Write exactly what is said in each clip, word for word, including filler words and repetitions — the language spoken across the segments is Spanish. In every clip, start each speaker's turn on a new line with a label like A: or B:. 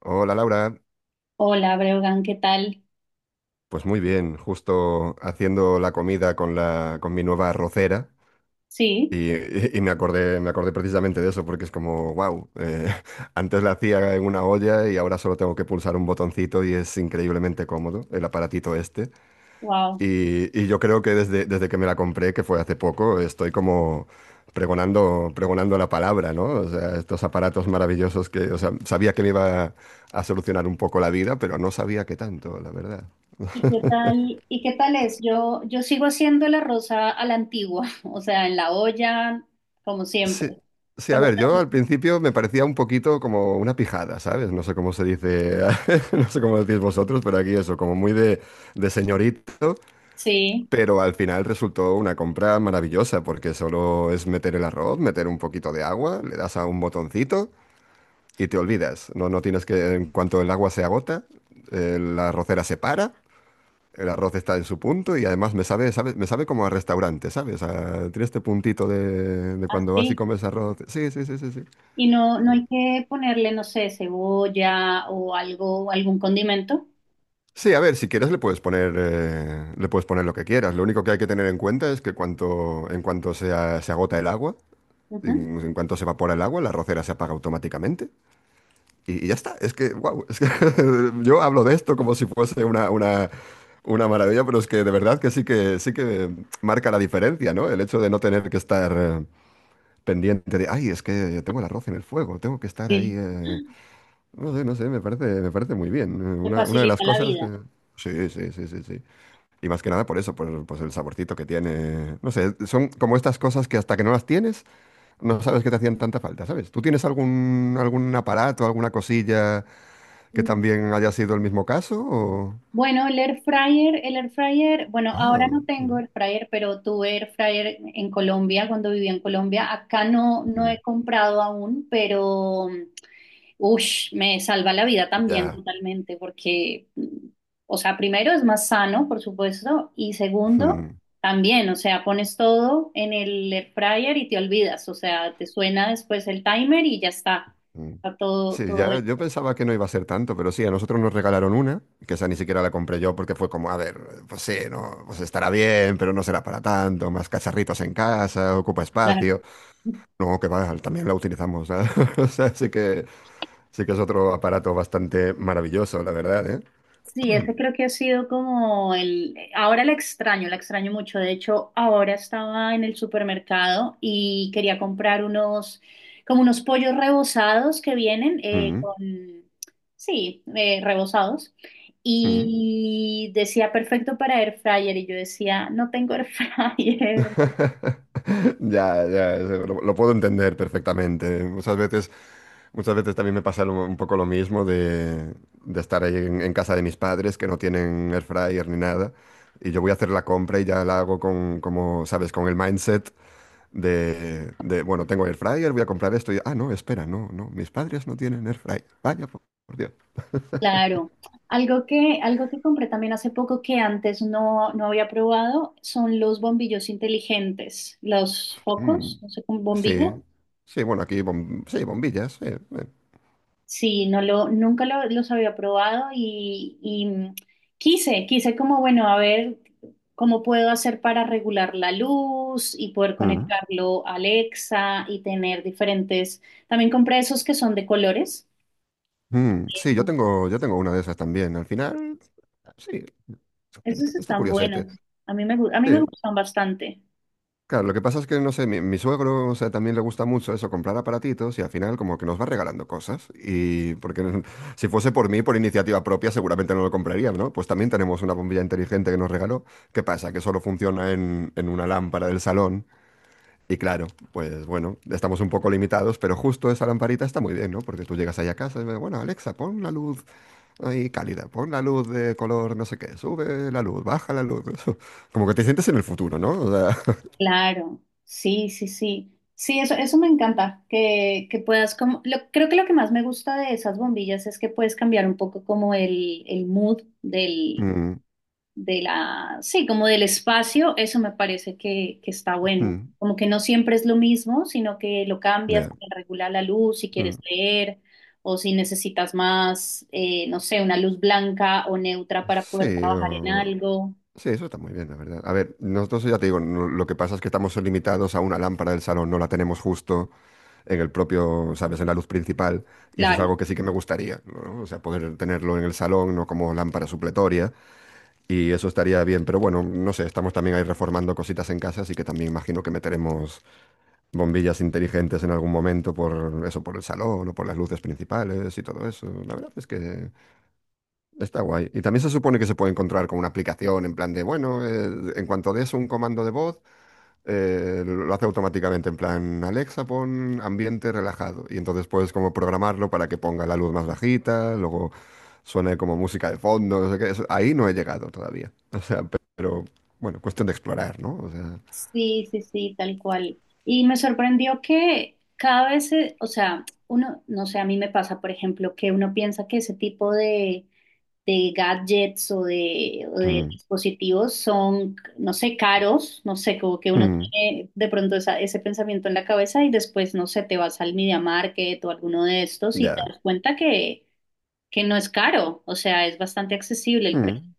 A: Hola Laura,
B: Hola, Breugan, ¿qué tal?
A: pues muy bien, justo haciendo la comida con la con mi nueva arrocera
B: Sí,
A: y, y- y me acordé me acordé precisamente de eso porque es como wow, antes la hacía en una olla y ahora solo tengo que pulsar un botoncito y es increíblemente cómodo el aparatito este
B: wow.
A: y, y yo creo que desde desde que me la compré, que fue hace poco, estoy como pregonando pregonando la palabra, ¿no? O sea, estos aparatos maravillosos que, o sea, sabía que me iba a solucionar un poco la vida, pero no sabía qué tanto, la verdad.
B: ¿Y qué tal? ¿Y qué tal es? Yo, yo sigo haciendo el arroz a, a la antigua, o sea, en la olla, como
A: Sí,
B: siempre.
A: sí, a
B: ¿Cuál es
A: ver, yo
B: la-
A: al principio me parecía un poquito como una pijada, ¿sabes? No sé cómo se dice, no sé cómo decís vosotros, pero aquí eso, como muy de, de señorito,
B: Sí,
A: pero al final resultó una compra maravillosa porque solo es meter el arroz, meter un poquito de agua, le das a un botoncito y te olvidas. No, no tienes que, en cuanto el agua se agota, eh, la arrocera se para. El arroz está en su punto y además me sabe, sabe- me sabe como a restaurante, ¿sabes? A- tiene este puntito de, de cuando vas y
B: así.
A: comes arroz. Sí, sí, sí, sí, sí.
B: Y no, no hay que ponerle, no sé, cebolla o algo, algún condimento.
A: Sí, a ver, si quieres le puedes poner, eh, le puedes poner lo que quieras. Lo único que hay que tener en cuenta es que cuanto, en cuanto se, a- se agota el agua,
B: Ujú.
A: en, en cuanto se evapora el agua, la rocera se apaga automáticamente. Y, y ya está. Es que, wow, es que yo hablo de esto como si fuese una, una, una maravilla, pero es que de verdad que sí que sí que marca la diferencia, ¿no? El hecho de no tener que estar eh, pendiente de, ay, es que tengo el arroz en el fuego, tengo que estar ahí.
B: Sí,
A: eh". No sé, no sé, me parece, me parece muy bien. Eh,
B: te
A: Una, una de las
B: facilita la
A: cosas
B: vida.
A: que. Sí, sí, sí, sí, sí. Y más que nada por eso, por pues el saborcito que tiene. No sé, son como estas cosas que hasta que no las tienes, no sabes que te hacían tanta falta, ¿sabes? ¿Tú tienes algún, algún aparato, alguna cosilla que también haya sido el mismo caso? O-
B: Bueno, el air fryer, el air fryer, bueno, ahora
A: Ah,
B: no tengo
A: mira.
B: air fryer, pero tuve air fryer en Colombia cuando vivía en Colombia. Acá no, no
A: Mm.
B: he comprado aún, pero ush, me salva la vida también
A: Ya.
B: totalmente, porque, mm, o sea, primero es más sano, por supuesto, y segundo,
A: Mm,
B: también, o sea, pones todo en el air fryer y te olvidas, o sea, te suena después el timer y ya está,
A: mm.
B: está todo,
A: Sí,
B: todo
A: ya,
B: hecho,
A: yo pensaba que no iba a ser tanto, pero sí, a nosotros nos regalaron una, que esa ni siquiera la compré yo porque fue como, a ver, pues sí, no, pues estará bien, pero no será para tanto, más cacharritos en casa, ocupa
B: claro.
A: espacio. No, que va, también la utilizamos, ¿eh? O sea, sí que, sí que es otro aparato bastante maravilloso, la verdad, ¿eh?
B: Sí, ese creo que ha sido como el… Ahora la extraño, la extraño mucho. De hecho, ahora estaba en el supermercado y quería comprar unos, como unos pollos rebozados que vienen eh,
A: Mm,
B: con… Sí, eh, rebozados.
A: mm.
B: Y decía perfecto para air fryer y yo decía, no tengo air fryer.
A: Ya, ya, eso, lo, lo puedo entender perfectamente. Muchas veces, muchas veces también me pasa lo- un poco lo mismo de, de estar ahí en, en casa de mis padres que no tienen air fryer ni nada. Y yo voy a hacer la compra y ya la hago con, como, ¿sabes? Con el mindset De, de, bueno, tengo air fryer, voy a comprar esto y, ah, no, espera, no, no, mis padres no tienen air fryer. Vaya, por, por Dios.
B: Claro, algo que, algo que compré también hace poco que antes no, no había probado son los bombillos inteligentes, los
A: Mm,
B: focos, no sé, con
A: sí,
B: bombillas.
A: sí, bueno, aquí, bom- sí, bombillas, sí. eh.
B: Sí, no lo, nunca lo- los había probado y, y, mm, quise, quise como, bueno, a ver cómo puedo hacer para regular la luz y poder
A: Mm,
B: conectarlo a Alexa y tener diferentes. También compré esos que son de colores.
A: mm, sí, yo tengo, yo tengo una de esas también. Al final, sí, está,
B: Esos
A: está
B: están
A: curiosete.
B: buenos. A mí me, gu- a mí me
A: Sí.
B: gustan bastante.
A: Claro, lo que pasa es que, no sé, mi, mi suegro, o sea, también le gusta mucho eso, comprar aparatitos y al final como que nos va regalando cosas. Y porque no- si fuese por mí, por iniciativa propia, seguramente no lo compraría, ¿no? Pues también tenemos una bombilla inteligente que nos regaló. ¿Qué pasa? Que solo funciona en, en una lámpara del salón. Y claro, pues bueno, estamos un poco limitados, pero justo esa lamparita está muy bien, ¿no? Porque tú llegas ahí a casa y ves, bueno, Alexa, pon la luz ahí cálida, pon la luz de color no sé qué, sube la luz, baja la luz. Como que te sientes en el futuro, ¿no? O sea,
B: Claro, sí, sí, sí. Sí, eso, eso me encanta, que, que puedas como, lo- creo que lo que más me gusta de esas bombillas es que puedes cambiar un poco como el, el mood del,
A: mm,
B: de la, sí, como del espacio, eso me parece que, que está bueno.
A: mm.
B: Como que no siempre es lo mismo, sino que lo cambias,
A: Ya.
B: te regula la luz si
A: Mm.
B: quieres leer o si necesitas más, eh, no sé, una luz blanca o neutra para poder
A: Sí,
B: trabajar en
A: o-
B: algo.
A: sí, eso está muy bien, la verdad. A ver, nosotros ya te digo, no- lo que pasa es que estamos limitados a una lámpara del salón, no la tenemos justo en el propio, ¿sabes?, en la luz principal, y eso es
B: Claro.
A: algo que sí que me gustaría, ¿no? O sea, poder tenerlo en el salón, no como lámpara supletoria, y eso estaría bien, pero bueno, no sé, estamos también ahí reformando cositas en casa, así que también imagino que meteremos bombillas inteligentes en algún momento por eso, por el salón o por las luces principales y todo eso. La verdad es que... Está guay. Y también se supone que se puede encontrar con una aplicación en plan de, bueno, eh, en cuanto des un comando de voz, eh, lo hace automáticamente en plan, Alexa, pon ambiente relajado. Y entonces puedes como programarlo para que ponga la luz más bajita, luego suene como música de fondo, no sé qué. Eso- ahí no he llegado todavía. O sea, pe- pero bueno, cuestión de explorar, ¿no? O sea,
B: Sí, sí, sí, tal cual. Y me sorprendió que cada vez, se- o sea, uno, no sé, a mí me pasa, por ejemplo, que uno piensa que ese tipo de, de gadgets o de, o de
A: mm,
B: dispositivos son, no sé, caros, no sé, como que uno
A: mm,
B: tiene de pronto esa- ese pensamiento en la cabeza y después, no sé, te vas al Media Market o alguno de estos y te
A: ya.
B: das cuenta que, que no es caro, o sea, es bastante accesible el precio.
A: Mm.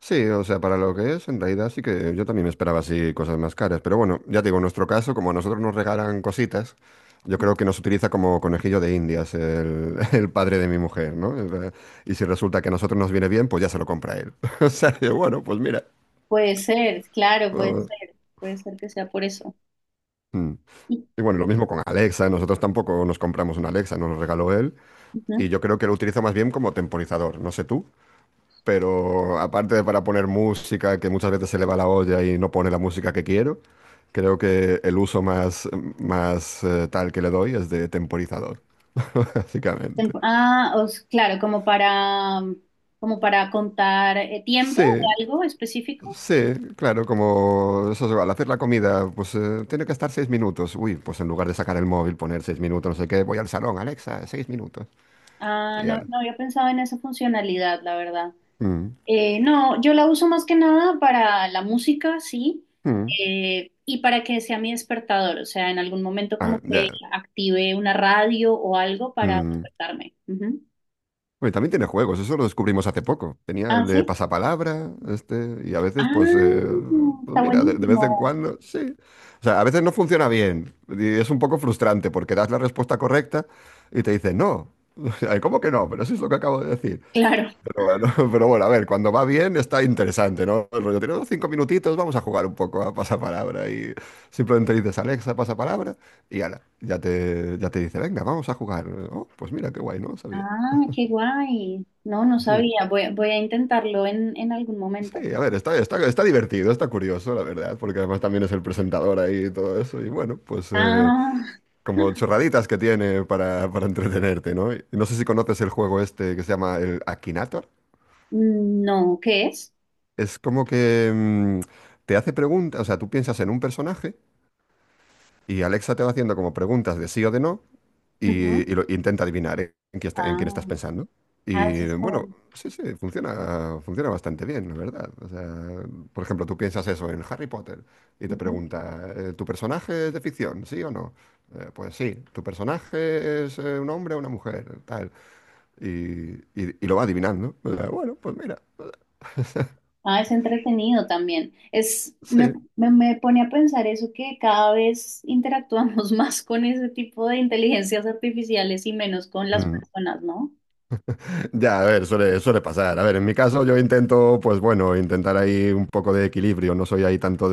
A: Sí, o sea, para lo que es, en realidad sí que yo también me esperaba así cosas más caras. Pero bueno, ya te digo, en nuestro caso, como a nosotros nos regalan cositas, yo creo que nos utiliza como conejillo de Indias el, el padre de mi mujer, ¿no? Es la- Y si resulta que a nosotros nos viene bien, pues ya se lo compra él. O sea, que bueno, pues mira.
B: Puede ser, claro, puede
A: Vamos.
B: ser, puede ser que sea por eso.
A: Mm. Y bueno, lo mismo con Alexa, nosotros tampoco nos compramos una Alexa, nos lo regaló él.
B: Ujú.
A: Y yo creo que lo utiliza más bien como temporizador, no sé tú. Pero aparte de para poner música, que muchas veces se le va la olla y no pone la música que quiero, creo que el uso más, más eh, tal que le doy es de temporizador, básicamente.
B: Tempo- Ah, os- claro, como para, mm, como para contar eh, tiempo
A: Sí,
B: de algo específico.
A: sí, claro, como eso, es, al hacer la comida, pues eh, tiene que estar seis minutos. Uy, pues en lugar de sacar el móvil, poner seis minutos, no sé qué, voy al salón, Alexa, seis minutos.
B: Ah,
A: Y
B: no,
A: ya.
B: no había pensado en esa funcionalidad, la verdad.
A: Mm,
B: Eh, no, yo la uso más que nada para la música, sí,
A: mm.
B: eh, y para que sea mi despertador, o sea, en algún momento como
A: Ah,
B: que
A: ya.
B: active una radio o algo para
A: Mm.
B: despertarme. Ujú.
A: Bueno, y también tiene juegos, eso lo descubrimos hace poco. Tenía
B: Ah,
A: el de
B: sí.
A: pasapalabra, este, y a veces, pues,
B: Ah,
A: eh, pues
B: está
A: mira, de, de vez en
B: buenísimo.
A: cuando, sí. O sea, a veces no funciona bien y es un poco frustrante porque das la respuesta correcta y te dicen no. Ay, ¿cómo que no? Pero eso es lo que acabo de decir.
B: Claro.
A: Pero bueno, pero bueno, a ver, cuando va bien está interesante, ¿no? El rollo, tenemos cinco minutitos, vamos a jugar un poco a pasapalabra y simplemente dices, Alexa, pasapalabra, y ala, ya te, ya te dice, venga, vamos a jugar. Oh, pues mira, qué guay, no lo sabía.
B: Ah, qué guay. No, no
A: Sí.
B: sabía. Voy, a- voy a intentarlo en, en algún momento.
A: Sí, a ver, está, está, está divertido, está curioso, la verdad, porque además también es el presentador ahí y todo eso. Y bueno, pues eh,
B: Ah,
A: como chorraditas que tiene para, para entretenerte, ¿no? Y no sé si conoces el juego este que se llama el Akinator.
B: no, ¿qué es?
A: Es como que mm, te hace preguntas, o sea, tú piensas en un personaje y Alexa te va haciendo como preguntas de sí o de no.
B: Ujú.
A: Y, y lo- intenta adivinar eh, en quién está- en quién
B: Ah,
A: estás pensando.
B: ah, eso
A: Y
B: está
A: bueno,
B: bueno.
A: sí, sí, funciona, funciona bastante bien, la verdad. O sea, por ejemplo, tú piensas eso en Harry Potter y te
B: Ujú.
A: pregunta, eh, ¿tu personaje es de ficción, sí o no? Eh, pues sí, ¿tu personaje es eh, un hombre o una mujer? Tal. Y, y- y lo va adivinando. O sea, bueno, pues mira.
B: Ah, es entretenido también. Es, me,
A: Sí.
B: me- me pone a pensar eso que cada vez interactuamos más con ese tipo de inteligencias artificiales y menos con las
A: Mm.
B: personas, ¿no?
A: Ya, a ver, suele, suele pasar. A ver, en mi caso yo intento, pues bueno, intentar ahí un poco de equilibrio. No soy ahí tanto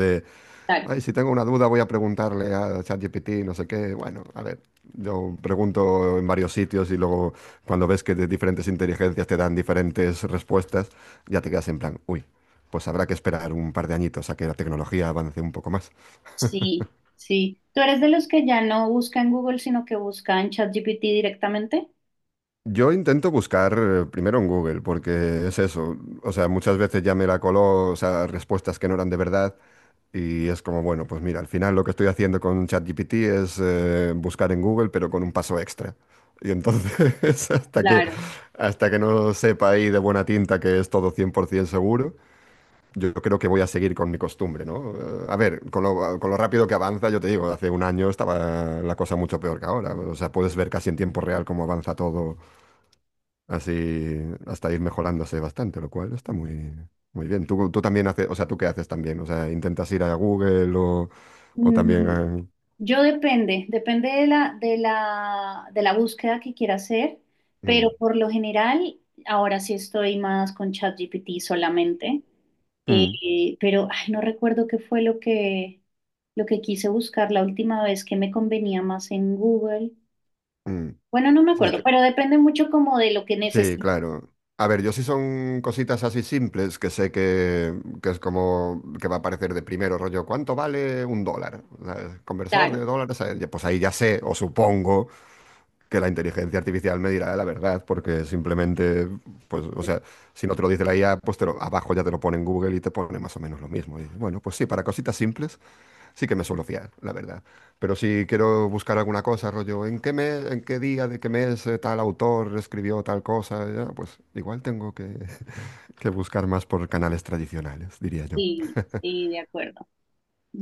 B: Claro.
A: ay, si tengo una duda voy a preguntarle a ChatGPT, no sé qué. Bueno, a ver, yo pregunto en varios sitios y luego cuando ves que de diferentes inteligencias te dan diferentes respuestas, ya te quedas en plan, uy, pues habrá que esperar un par de añitos a que la tecnología avance un poco más.
B: Sí, sí. ¿Tú eres de los que ya no busca en Google, sino que busca en ChatGPT directamente?
A: Yo intento buscar eh, primero en Google, porque es eso, o sea, muchas veces ya me la coló, o sea, respuestas que no eran de verdad. Y es como, bueno, pues mira, al final lo que estoy haciendo con ChatGPT es eh, buscar en Google, pero con un paso extra. Y entonces, hasta que,
B: Claro.
A: hasta que no sepa ahí de buena tinta que es todo cien por ciento seguro, yo creo que voy a seguir con mi costumbre, ¿no? Eh, a ver, con lo, con lo rápido que avanza, yo te digo, hace un año estaba la cosa mucho peor que ahora. O sea, puedes ver casi en tiempo real cómo avanza todo. Así hasta ir mejorándose bastante, lo cual está muy, muy bien. Tú, tú también haces, o sea, ¿tú qué haces también? O sea, ¿intentas ir a Google o, o también
B: Mm,
A: a...
B: yo depende, depende de la, de la, de la búsqueda que quiera hacer,
A: Mm,
B: pero por lo general, ahora sí estoy más con ChatGPT solamente,
A: mm,
B: eh, pero ay, no recuerdo qué fue lo que, lo que quise buscar la última vez que me convenía más en Google.
A: mm.
B: Bueno, no me
A: Sí, es
B: acuerdo,
A: que-
B: pero depende mucho como de lo que
A: sí,
B: necesite.
A: claro. A ver, yo sí son cositas así simples que sé que, que es como que va a aparecer de primero, rollo, ¿cuánto vale un dólar? O conversor de
B: Claro,
A: dólares, a- pues ahí ya sé, o supongo, que la inteligencia artificial me dirá la verdad, porque simplemente, pues, o sea, si no te lo dice la I A, pues te lo- abajo ya te lo pone en Google y te pone más o menos lo mismo. Y bueno, pues sí, para cositas simples sí que me suelo fiar, la verdad. Pero si quiero buscar alguna cosa, rollo, ¿en qué mes, en qué día de qué mes eh, tal autor escribió tal cosa? Ya, pues igual tengo que, que buscar más por canales tradicionales, diría yo.
B: sí, sí, de acuerdo.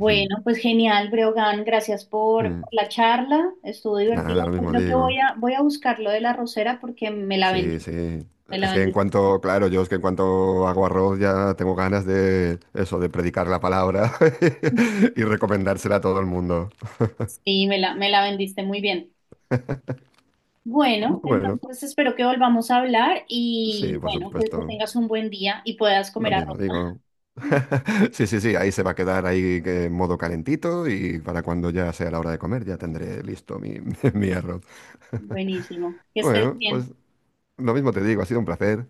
A: Ujú.
B: pues genial, Breogán, gracias por,
A: Mm.
B: por la charla, estuvo divertida.
A: Nada, lo
B: Yo
A: mismo
B: creo que
A: digo.
B: voy a, voy a buscar lo de la rosera porque me la
A: Sí,
B: vendiste,
A: sí.
B: me la
A: Es que en
B: vendiste.
A: cuanto, claro, yo es que en cuanto hago arroz ya tengo ganas de eso, de predicar la palabra y recomendársela a todo el mundo.
B: Sí, me la, me la vendiste muy bien. Bueno,
A: Bueno,
B: entonces espero que volvamos a hablar
A: sí,
B: y
A: por
B: bueno, que, que
A: supuesto.
B: tengas un buen día y puedas
A: Lo
B: comer
A: mismo
B: arroz.
A: digo. Sí, sí, sí, ahí se va a quedar ahí que en modo calentito y para cuando ya sea la hora de comer ya tendré listo mi, mi arroz.
B: Buenísimo, que estés
A: Bueno,
B: bien.
A: pues lo mismo te digo, ha sido un placer.